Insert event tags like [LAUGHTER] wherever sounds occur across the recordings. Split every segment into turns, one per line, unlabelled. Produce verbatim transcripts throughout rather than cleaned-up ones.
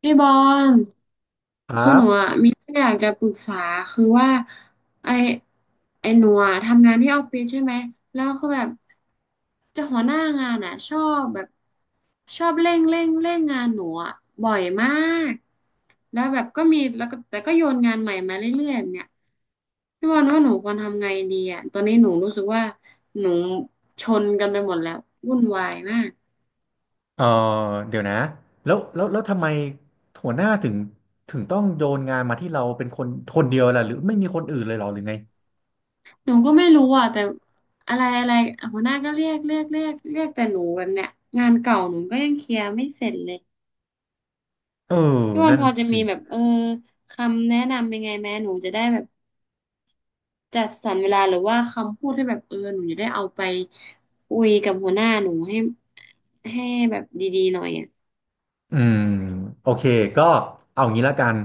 พี่บอล
ครั
คือหนู
บ
อ่ะมีเรื่องอยากจะปรึกษาคือว่าไอไอหนูอ่ะทำงานที่ออฟฟิศใช่ไหมแล้วคือแบบเจะหัวหน้างานอ่ะชอบแบบชอบเร่งเร่งเร่งงานหนูอ่ะบ่อยมากแล้วแบบก็มีแล้วก็แต่ก็โยนงานใหม่มาเรื่อยๆแบบเนี่ยพี่บอลว่าหนูควรทำไงดีอ่ะตอนนี้หนูรู้สึกว่าหนูชนกันไปหมดแล้ววุ่นวายมาก
เออเดี๋ยวนะ แล้วแล้วแล้วทำไมหัวหน้าถึงถึงต้องโยนงานมาที่เราเป็นคนคนเดียวล่ะหรือไม่มีคนอื่นเลยเหรอหรือไง
หนูก็ไม่รู้อ่ะแต่อะไรอะไรหัวหน้าก็เรียกเรียกเรียกเรียกแต่หนูแันเนี้ยงานเก่าหนูก็ยังเคลียร์ไม่เสร็จเลย
เออ
พี่วัน
นั่น
พอจะ
สิ
มีแบบเออคำแนะนำยังไงแม่หนูจะได้แบบจัดสรรเวลาหรือว่าคำพูดที่แบบเออหนูจะได้เอาไปคุยกับหัวหน้าหนูให้ให้แบบดีๆหน่อยอ่ะ
อืม โอเค ก็เอางี้ละกัน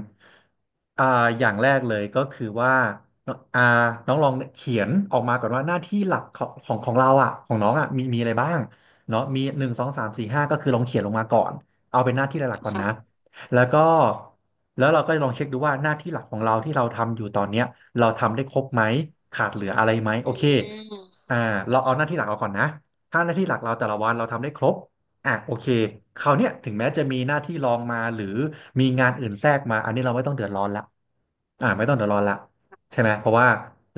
อ่าอย่างแรกเลยก็คือว่าน้องอ่าน้องลองเขียนออกมาก่อนว่าหน้าที่หลักของของของเราอ่ะของน้องอ่ะมีมีอะไรบ้างเนาะมีหนึ่งสองสามสี่ห้าก็คือลองเขียนลงมาก่อนเอาเป็นหน้าที่หลักๆก่อนนะ
ค่ะ
แล้วก็แล้วเราก็ลองเช็คดูว่าหน้าที่หลักของเราที่เราทำอยู่ตอนเนี้ยเราทำได้ครบไหมขาดเหลืออะไรไหมโอ
อ่
เค
า
อ่าเราเอาหน้าที่หลักเราก่อนนะถ้าหน้าที่หลักเราแต่ละวันเราทำได้ครบ อ่ะโอเคคราวเนี้ยถึงแม้จะมีหน้าที่รองมาหรือมีงานอื่นแทรกมาอันนี้เราไม่ต้องเดือดร้อนละอ่าไม่ต้องเดือดร้อนละใช่ไหมเพราะว่า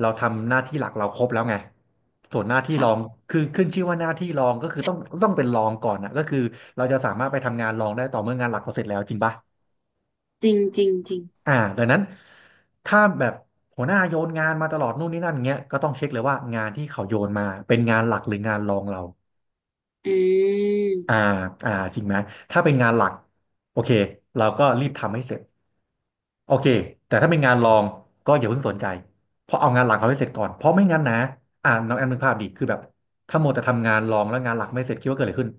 เราทำหน้าที่หลักเราครบแล้วไงส่วนหน้าที่รอง
ค่ะ
คือขึ้นชื่อว่าหน้าที่รองก็คือต้องต้องเป็นรองก่อนนะก็คือเราจะสามารถไปทำงานรองได้ต่อเมื่องานหลักเราเสร็จแล้วจริงปะ
จริงจริงจริง
อ่าดังนั้นถ้าแบบหัวหน้าโยนงานมาตลอดนู่นนี่นั่นเงี้ยก็ต้องเช็คเลยว่างานที่เขาโยนมาเป็นงานหลักหรืองานรองเรา
อื
อ่า
ม
อ่าจริงไหมถ้าเป็นงานหลักโอเคเราก็รีบทำให้เสร็จโอเคแต่ถ้าเป็นงานรองก็อย่าเพิ่งสนใจเพราะเอางานหลักเขาให้เสร็จก่อนเพราะไม่งั้นนะอ่าน้องแอมนึกภาพดิคือแบบถ้าโมวแต่ทำงานรองแล้วงานหลักไม่เสร็จคิดว่าเกิดอะไรขึ้น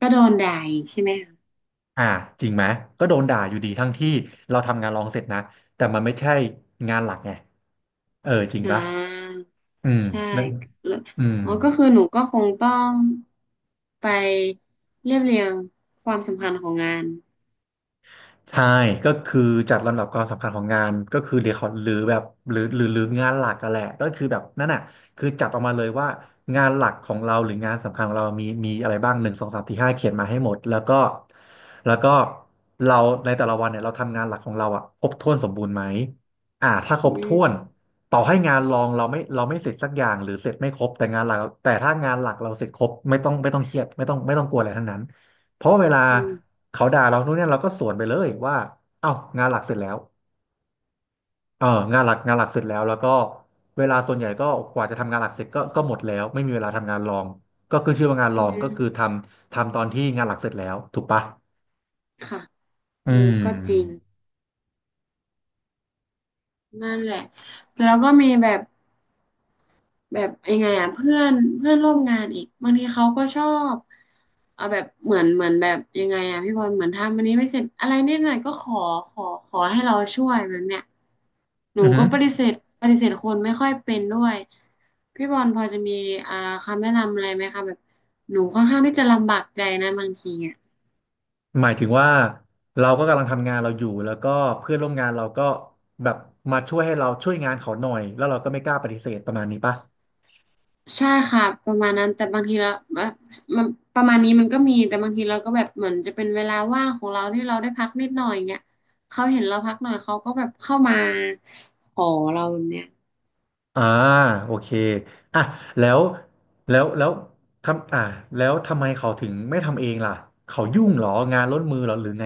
ก็โดนด่าอีกใช่ไหมคะ
อ่าจริงไหมก็โดนด่าอยู่ดีทั้งที่เราทำงานรองเสร็จนะแต่มันไม่ใช่งานหลักไงเออจริง
อ่า
ปะอืม
ใช่
แล้ว
แล้ว
อืม
อ๋อก็คือหนูก็คงต้องไปเรียบเรียงความสำคัญของงาน
ใช่ก็คือจัดลำดับความสำคัญของงานก็คือเรียกเขาหรือแบบหรือหรือหรืองานหลักกันแหละก็คือแบบนั่นน่ะคือจัดออกมาเลยว่างานหลักของเราหรืองานสำคัญของเรามีมีอะไรบ้างหนึ่งสองสามสี่ห้าเขียนมาให้หมดแล้วก็แล้วก็เราในแต่ละวันเนี่ยเราทำงานหลักของเราอ่ะครบถ้วนสมบูรณ์ไหมอ่าถ้าคร
อื
บถ้วน
ม
ต่อให้งานรองเราไม่เราไม่เสร็จสักอย่างหรือเสร็จไม่ครบแต่งานหลักแต่ถ้างานหลักเราเสร็จครบไม่ต้องไม่ต้องเครียดไม่ต้องไม่ต้องกลัวอะไรทั้งนั้น เพราะเวลา
อืม
เขาด่าเรานู่นเนี่ยเราก็สวนไปเลยว่าเอ้างานหลักเสร็จแล้วเอองานหลักงานหลักเสร็จแล้วแล้วก็เวลาส่วนใหญ่ก็กว่าจะทำงานหลักเสร็จก็ก็หมดแล้วไม่มีเวลาทำงานรองก็คือชื่อว่างานร
อื
องก็คือท
ม
ำทำตอนที่งานหลักเสร็จแล้วถูกปะ
ค่ะ
อื
เออก็จริง
ม
นั่นแหละแล้วก็มีแบบ แบบยังไงอ่ะเพื่อนเพื่อนร่วมงานอีกบางทีเขาก็ชอบเอาแบบเหมือนเหมือนแบบยังไงอ่ะพี่บอลเหมือนทำอันนี้ไม่เสร็จอะไรนิดหน่อยก็ขอขอขอให้เราช่วยแบบเนี้ยหนู
อือหื
ก็
อ
ปฏิเสธปฏิเสธคนไม่ค่อยเป็นด้วยพี่บอลพอจะมีอ่าคำแนะนำอะไรไหมคะแบบหนูค่อนข้างที่จะลำบากใจนะบางทีอ่ะ
หมายถึงว่าเราก็กำลังทำงานเราอยู่แล้วก็เพื่อนร่วมงานเราก็แบบมาช่วยให้เราช่วยงานเขาหน่อยแล้วเราก็ไม่กล้าปฏิเสธประมาณนี้ปะ
ใช่ค่ะประมาณนั้นแต่บางทีเราแบบมันประมาณนี้มันก็มีแต่บางทีเราก็แบบเหมือนจะเป็นเวลาว่างของเราที่เราได้พักนิดหน่อยเงี้ยเขาเห็นเราพักหน่อยเขาก็แบบเข้ามาขอเราแบบเนี้ย
อ่าโอเคอ่ะแล้วแล้วแล้วทำอ่าแล้วทำไมเขาถึงไม่ทำเองล่ะเขายุ่งเหรองานล้นมือเหรอหรือไง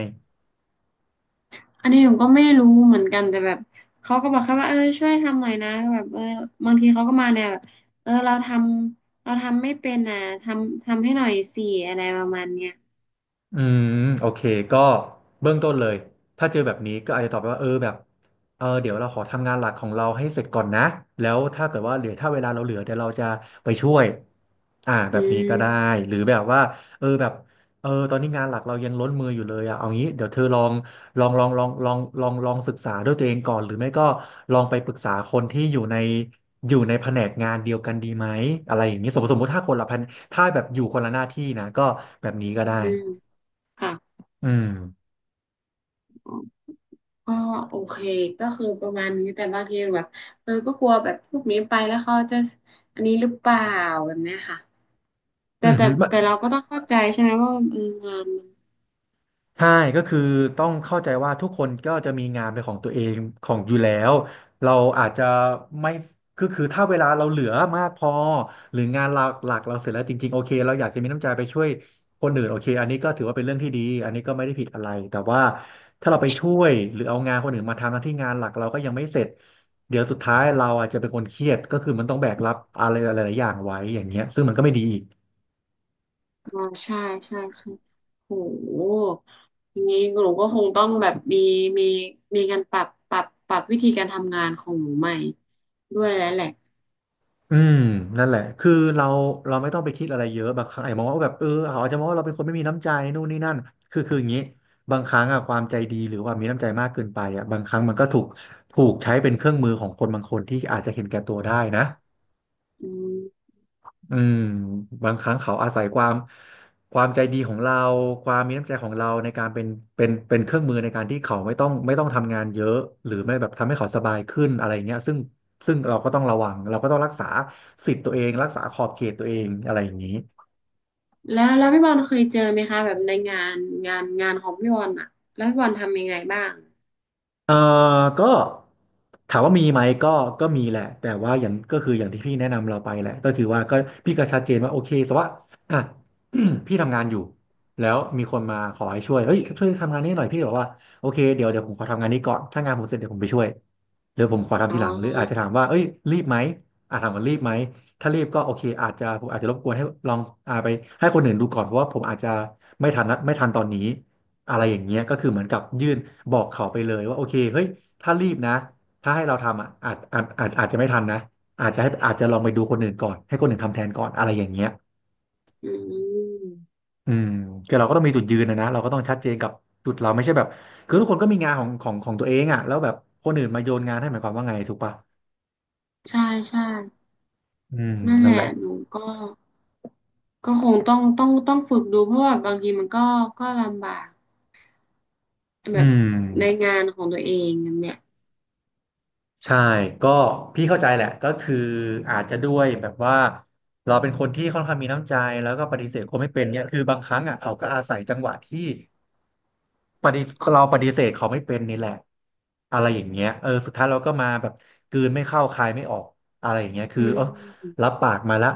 อันนี้ผมก็ไม่รู้เหมือนกันแต่แบบเขาก็บอกแค่ว่าเออช่วยทำหน่อยนะก็แบบเออบางทีเขาก็มาแนวแบบเออเราทำเราทำไม่เป็นอ่ะทำทำให้หน่อยสิอะไรประมาณเนี้ย
อืมโอเคก็เบื้องต้นเลยถ้าเจอแบบนี้ก็อาจจะตอบไปว่าเออแบบเออเดี๋ยวเราขอทำงานหลักของเราให้เสร็จก่อนนะแล้วถ้าเกิดว่าเหลือถ้าเวลาเราเหลือเดี๋ยวเราจะไปช่วยอ่าแบ
อื
บนี้ก็ได้
ม
หรือแบบว่าเออแบบเออตอนนี้งานหลักเรายังล้นมืออยู่เลยอะเอางี้เดี๋ยวเธอลองลองลองลองลองลองลองศึกษาด้วยตัวเองก่อนหรือไม่ก็ลองไปปรึกษาคนที่อยู่ในอยู่ในแผนกงานเดียวกันดีไหมอะไรอย่างนี้สมมติสมมติถ้าคนละแผนถ้าแบบอยู่คนละหน้าที่นะก็แบบนี้ก็ได้
อืมค่ะ
อืม
อ๋อโอเคก็คือประมาณนี้แต่บางทีแบบเออก็กลัวแบบพวกนี้ไปแล้วเขาจะอันนี้หรือเปล่าแบบเนี้ยค่ะ
อื
แต่
มฮึ
แต่
ไม่
แต่เราก็ต้องเข้าใจใช่ไหมว่าเอองานมัน
ใช่ก็คือต้องเข้าใจว่าทุกคนก็จะมีงานเป็นของตัวเองของอยู่แล้วเราอาจจะไม่คือคือถ้าเวลาเราเหลือมากพอหรืองานหลักหลักเราเสร็จแล้วจริงๆโอเคเราอยากจะมีน้ำใจไปช่วยคนอื่นโอเคอันนี้ก็ถือว่าเป็นเรื่องที่ดีอันนี้ก็ไม่ได้ผิดอะไรแต่ว่าถ้าเราไปช่วยหรือเอางานคนอื่นมาทำหน้าที่งานหลักเราก็ยังไม่เสร็จเดี๋ยวสุดท้ายเราอาจจะเป็นคนเครียดก็คือมันต้องแบกรับอะไรหลายๆอย่างไว้อย่างเงี้ยซึ่งมันก็ไม่ดีอีก
อ๋อใช่ใช่ใช่โอ้โหอย่างนี้หนูก็คงต้องแบบมีมีมีการปรับปรับปรับวิธีการทำงานของหนูใหม่ด้วยแล้วแหละ
อืมนั่นแหละคือเราเราไม่ต้องไปคิดอะไรเยอะบางครั้งไอาจจะมองว่าแบบเออเขาอาจจะมองว่าเราเป็นคนไม่มีน้ำใจนู่นนี่นั่นคือคืออย่างนี้บางครั้งอะความใจดีหรือว่ามีน้ำใจมากเกินไปอะบางครั้งมันก็ถูกถูกใช้เป็นเครื่องมือของคนบางคนที่อาจจะเห็นแก่ตัวได้นะ
อืม
อืมบางครั้งเขาอาศัยความความใจดีของเราความมีน้ำใจของเราในการเป็นเป็นเป็นเครื่องมือในการที่เขาไม่ต้องไม่ต้องทำงานเยอะหรือไม่แบบทำให้เขาสบายขึ้นอะไรเงี้ยซึ่งซึ่งเราก็ต้องระวังเราก็ต้องรักษาสิทธิ์ตัวเองรักษาขอบเขตตัวเองอะไรอย่างนี้
แล้วแล้วพี่บอลเคยเจอไหมคะแบบในงานงานงานของพี่บอลอะแล้วพี่บอลทำยังไงบ้าง
เอ่อก็ถามว่ามีไหมก็ก็มีแหละแต่ว่าอย่างก็คืออย่างที่พี่แนะนำเราไปแหละก็คือว่าก็พี่ก็ชัดเจนว่าโอเคแต่ว่าอ่ะ [CLEARS THROAT] พี่ทำงานอยู่แล้วมีคนมาขอให้ช่วยเฮ้ยช่วยทำงานนี้หน่อยพี่บอกว่าโอเคเดี๋ยวเดี๋ยวผมขอทำงานนี้ก่อนถ้างานผมเสร็จเดี๋ยวผมไปช่วยหรือผมขอทำ
อ๋อ
ทีหลังหรืออาจจะถามว่าเอ้ยรีบไหมอ่ะถามว่ารีบไหมถ้ารีบก็โอเคอาจจะผมอาจจะรบกวนให้ลองอ่าไปให้คนอื่นดูก่อนเพราะว่าผมอาจจะไม่ทันนะไม่ทันตอนนี้ อะไรอย่างเงี้ยก็คือเหมือนกับยื่นบอกเขาไปเลยว่าโอเคเฮ้ยถ้ารีบนะถ้าให้เราทำอ่ะอาจอาจอาจอาจจะไม่ทันนะอาจจะให้อาจจะลองไปดูคนอื่นก่อนให้คนอื่นทำแทนก่อนอะไรอย่างเงี้ย
อืม
อืมคือเราก็ต้องมีจุดยืนนะนะเราก็ต้องชัดเจนกับจุดเราไม่ใช่แบบคือทุกคนก็มีงานของของของตัวเองอ่ะแล้วแบบคนอื่นมาโยนงานให้หมายความว่าไงถูกปะ
ใช่ใช่
อืม
นั่นแห
นั่นแห
ละ
ละ
หนูก็ก็คงต้องต้องต้องฝึกดูเพราะว่าบางทีมันก็ก็ลำบากแบ
อื
บ
ม
ในงานของตัวเองแบบเนี้ย
ใช่ก็พี่เข้าใจแหละ ก็คืออาจจะด้วยแบบว่าเราเป็นคนที่ค่อนข้างมีน้ำใจแล้วก็ปฏิเสธคนไม่เป็นเนี่ยคือบางครั้งอ่ะเขาก็อาศัยจังหวะที่ปฏิเราปฏิเสธเขาไม่เป็นนี่แหละอะไรอย่างเงี้ยเออสุดท้ายเราก็มาแบบกลืนไม่เข้าคายไม่ออกอะไรอย่างเงี้ยคือ
อื
เออ
ม
รับปากมาละ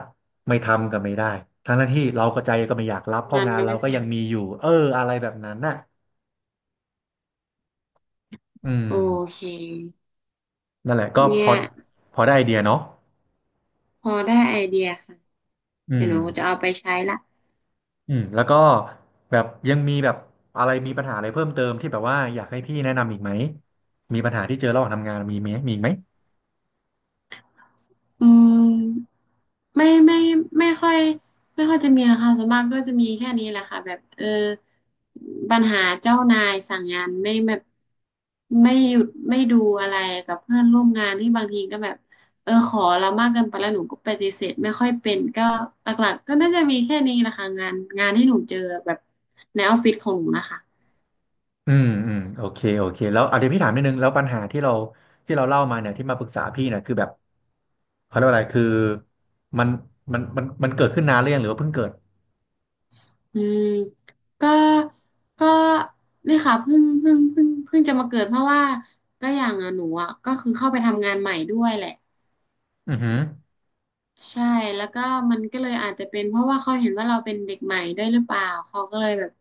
ไม่ทำก็ไม่ได้ทั้งที่เราก็ใจก็ไม่อยากรับเพราะ
งาน
งาน
ก็
เรา
ไม่
ก็
เสร็
ยั
จ
งมีอยู่เอออะไรแบบนั้นน่ะอืม
โอเค
นั่นแหละก็พ
เนี่
อ
ย
พอได้ไอเดียเนาะ
พอได้ไอเดียค่ะ
อื
เดี๋ยว
ม
หนูจะเอาไปใช้ละ
อืมแล้วก็แบบยังมีแบบอะไรมีปัญหาอะไรเพิ่มเติมที่แบบว่าอยากให้พี่แนะนำอีกไหมมีปัญหาที่เจอระหว่างทำงานมีไหมมีอีกไหม
อืมไม่ไม่ไม่ค่อยไม่ค่อยจะมีนะคะส่วนมากก็จะมีแค่นี้แหละค่ะแบบเออปัญหาเจ้านายสั่งงานไม่แบบไม่หยุดไม่ดูอะไรกับเพื่อนร่วมงานที่บางทีก็แบบเออขอเรามากเกินไปแล้วหนูก็ปฏิเสธไม่ค่อยเป็นก็หลักๆก็น่าจะมีแค่นี้แหละค่ะงานงานที่หนูเจอแบบในออฟฟิศของหนูนะคะ
อืมอืมโอเคโอเคแล้วเอาเดี๋ยวพี่ถามนิดนึงแล้วปัญหาที่เราที่เราเล่ามาเนี่ยที่มาปรึกษาพี่เนี่ยคือแบบเขาเรียกว่าอะไรคือมันมันมันมันเกิดขึ้นนานหรือยังหรือว่าเพิ่งเกิด
อืมก็ก็เนี่ยค่ะเพิ่งเพิ่งเพิ่งเพิ่งจะมาเกิดเพราะว่าก็อย่างอะหนูอะก็คือเข้าไปทำงานใหม่ด้วยแหละ
อือหือ
ใช่แล้วก็มันก็เลยอาจจะเป็นเพราะว่าเขาเห็นว่าเราเป็นเด็กใหม่ด้วยหรือเปล่าเขาก็เลยแบบ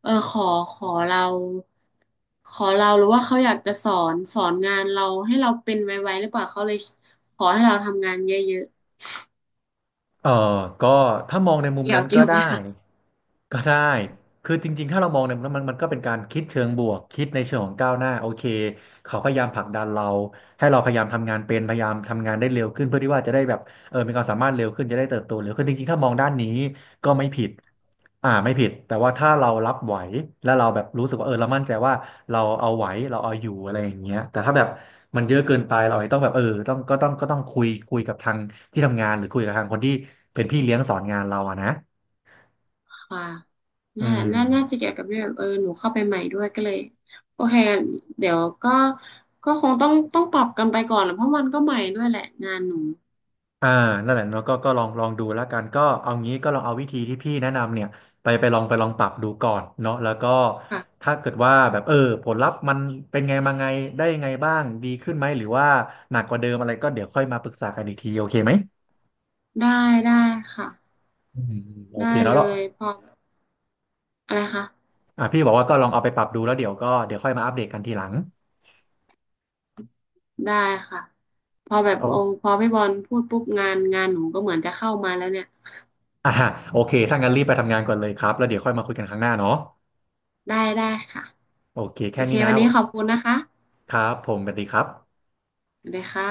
เออขอขอเราขอเราหรือว่าเขาอยากจะสอนสอนงานเราให้เราเป็นไวๆหรือเปล่าเขาเลยขอให้เราทำงานเยอะ
เออก็ถ้ามองใน
ๆ
มุม
เกี่ย
นั้
ว
น
เกี่
ก็
ยวไหม
ได้
คะ
ก็ได้คือจริงๆถ้าเรามองในมุมนั้นมันมันก็เป็นการคิดเชิงบวกคิดในเชิงของก้าวหน้าโอเคเขาพยายามผลักดันเราให้เราพยายามทำงานเป็นพยายามทำงานได้เร็วขึ้นเพื่อที่ว่าจะได้แบบ เออมีความสามารถเร็วขึ้นจะได้เติบโตเร็วขึ้นจริงๆถ้ามองด้านนี้ก็ไม่ผิดอ่าไม่ผิดแต่ว่าถ้าเรารับไหวแล้วเราแบบรู้สึกว่าเออเรามั่นใจว่าเราเอาไหวเราเอาอยู่อะไรอย่างเงี้ยแต่ถ้าแบบมันเยอะเกินไปเราอาจจะต้องแบบเออต้องก็ต้องก็ต้องคุยคุยกับทางที่ทำงานหรือคุยกับทางคนที่เป็นพี่เลี้ยงสอนงานเราอะนะ
ค่ะ
อื
น่า
ม
น่าน่าจะเกี่ยวกับเรื่องแบบเออ หนูเข้าไปใหม่ด้วยก็เลย โอเคเดี๋ยวก็ก็คงต้องต้องปรับกันไปก่อนแหละเพราะมันก็ใหม่ด้วยแหละงานหนู
อ่านั่นแหละเนาะก็ก็ลองลองดูแล้วกันก็เอางี้ก็ลองเอาวิธีที่พี่แนะนำเนี่ยไปไปลองไปลองปรับดูก่อนเนาะแล้วก็
ค่ะ
ถ้าเกิดว่าแบบเออผลลัพธ์มันเป็นไงมาไงได้ยังไงบ้างดีขึ้นไหมหรือว่าหนักกว่าเดิมอะไรก็เดี๋ยวค่อยมาปรึกษากันอีกทีโอเคไหม
ได้ได้ค่ะ
อืมอโอเค
ได้
เนาะ
เล
แล้ว
ยพออะไรคะ
อ่ะพี่บอกว่าก็ลองเอาไปปรับดูแล้วเดี๋ยวก็เดี๋ยวค่อยมาอัปเดตกันทีหลัง
ได้ค่ะพอแบบโอ
โอ้
พอพี่บอลพูดปุ๊บงาน งานหนูก็เหมือนจะเข้ามาแล้วเนี่ย
อ่าโอเคถ้างั้นรีบไปทำงานก่อนเลยครับแล้วเดี๋ยวค่อยมาคุยกันครั้งหน้าเนาะ
ได้ได้ค่ะ
โอเค
โอ
แค่
เค
นี้นะ
วันนี้ขอบคุณนะคะ
ครับผมสวัสดีครับ
สวัสดีค่ะ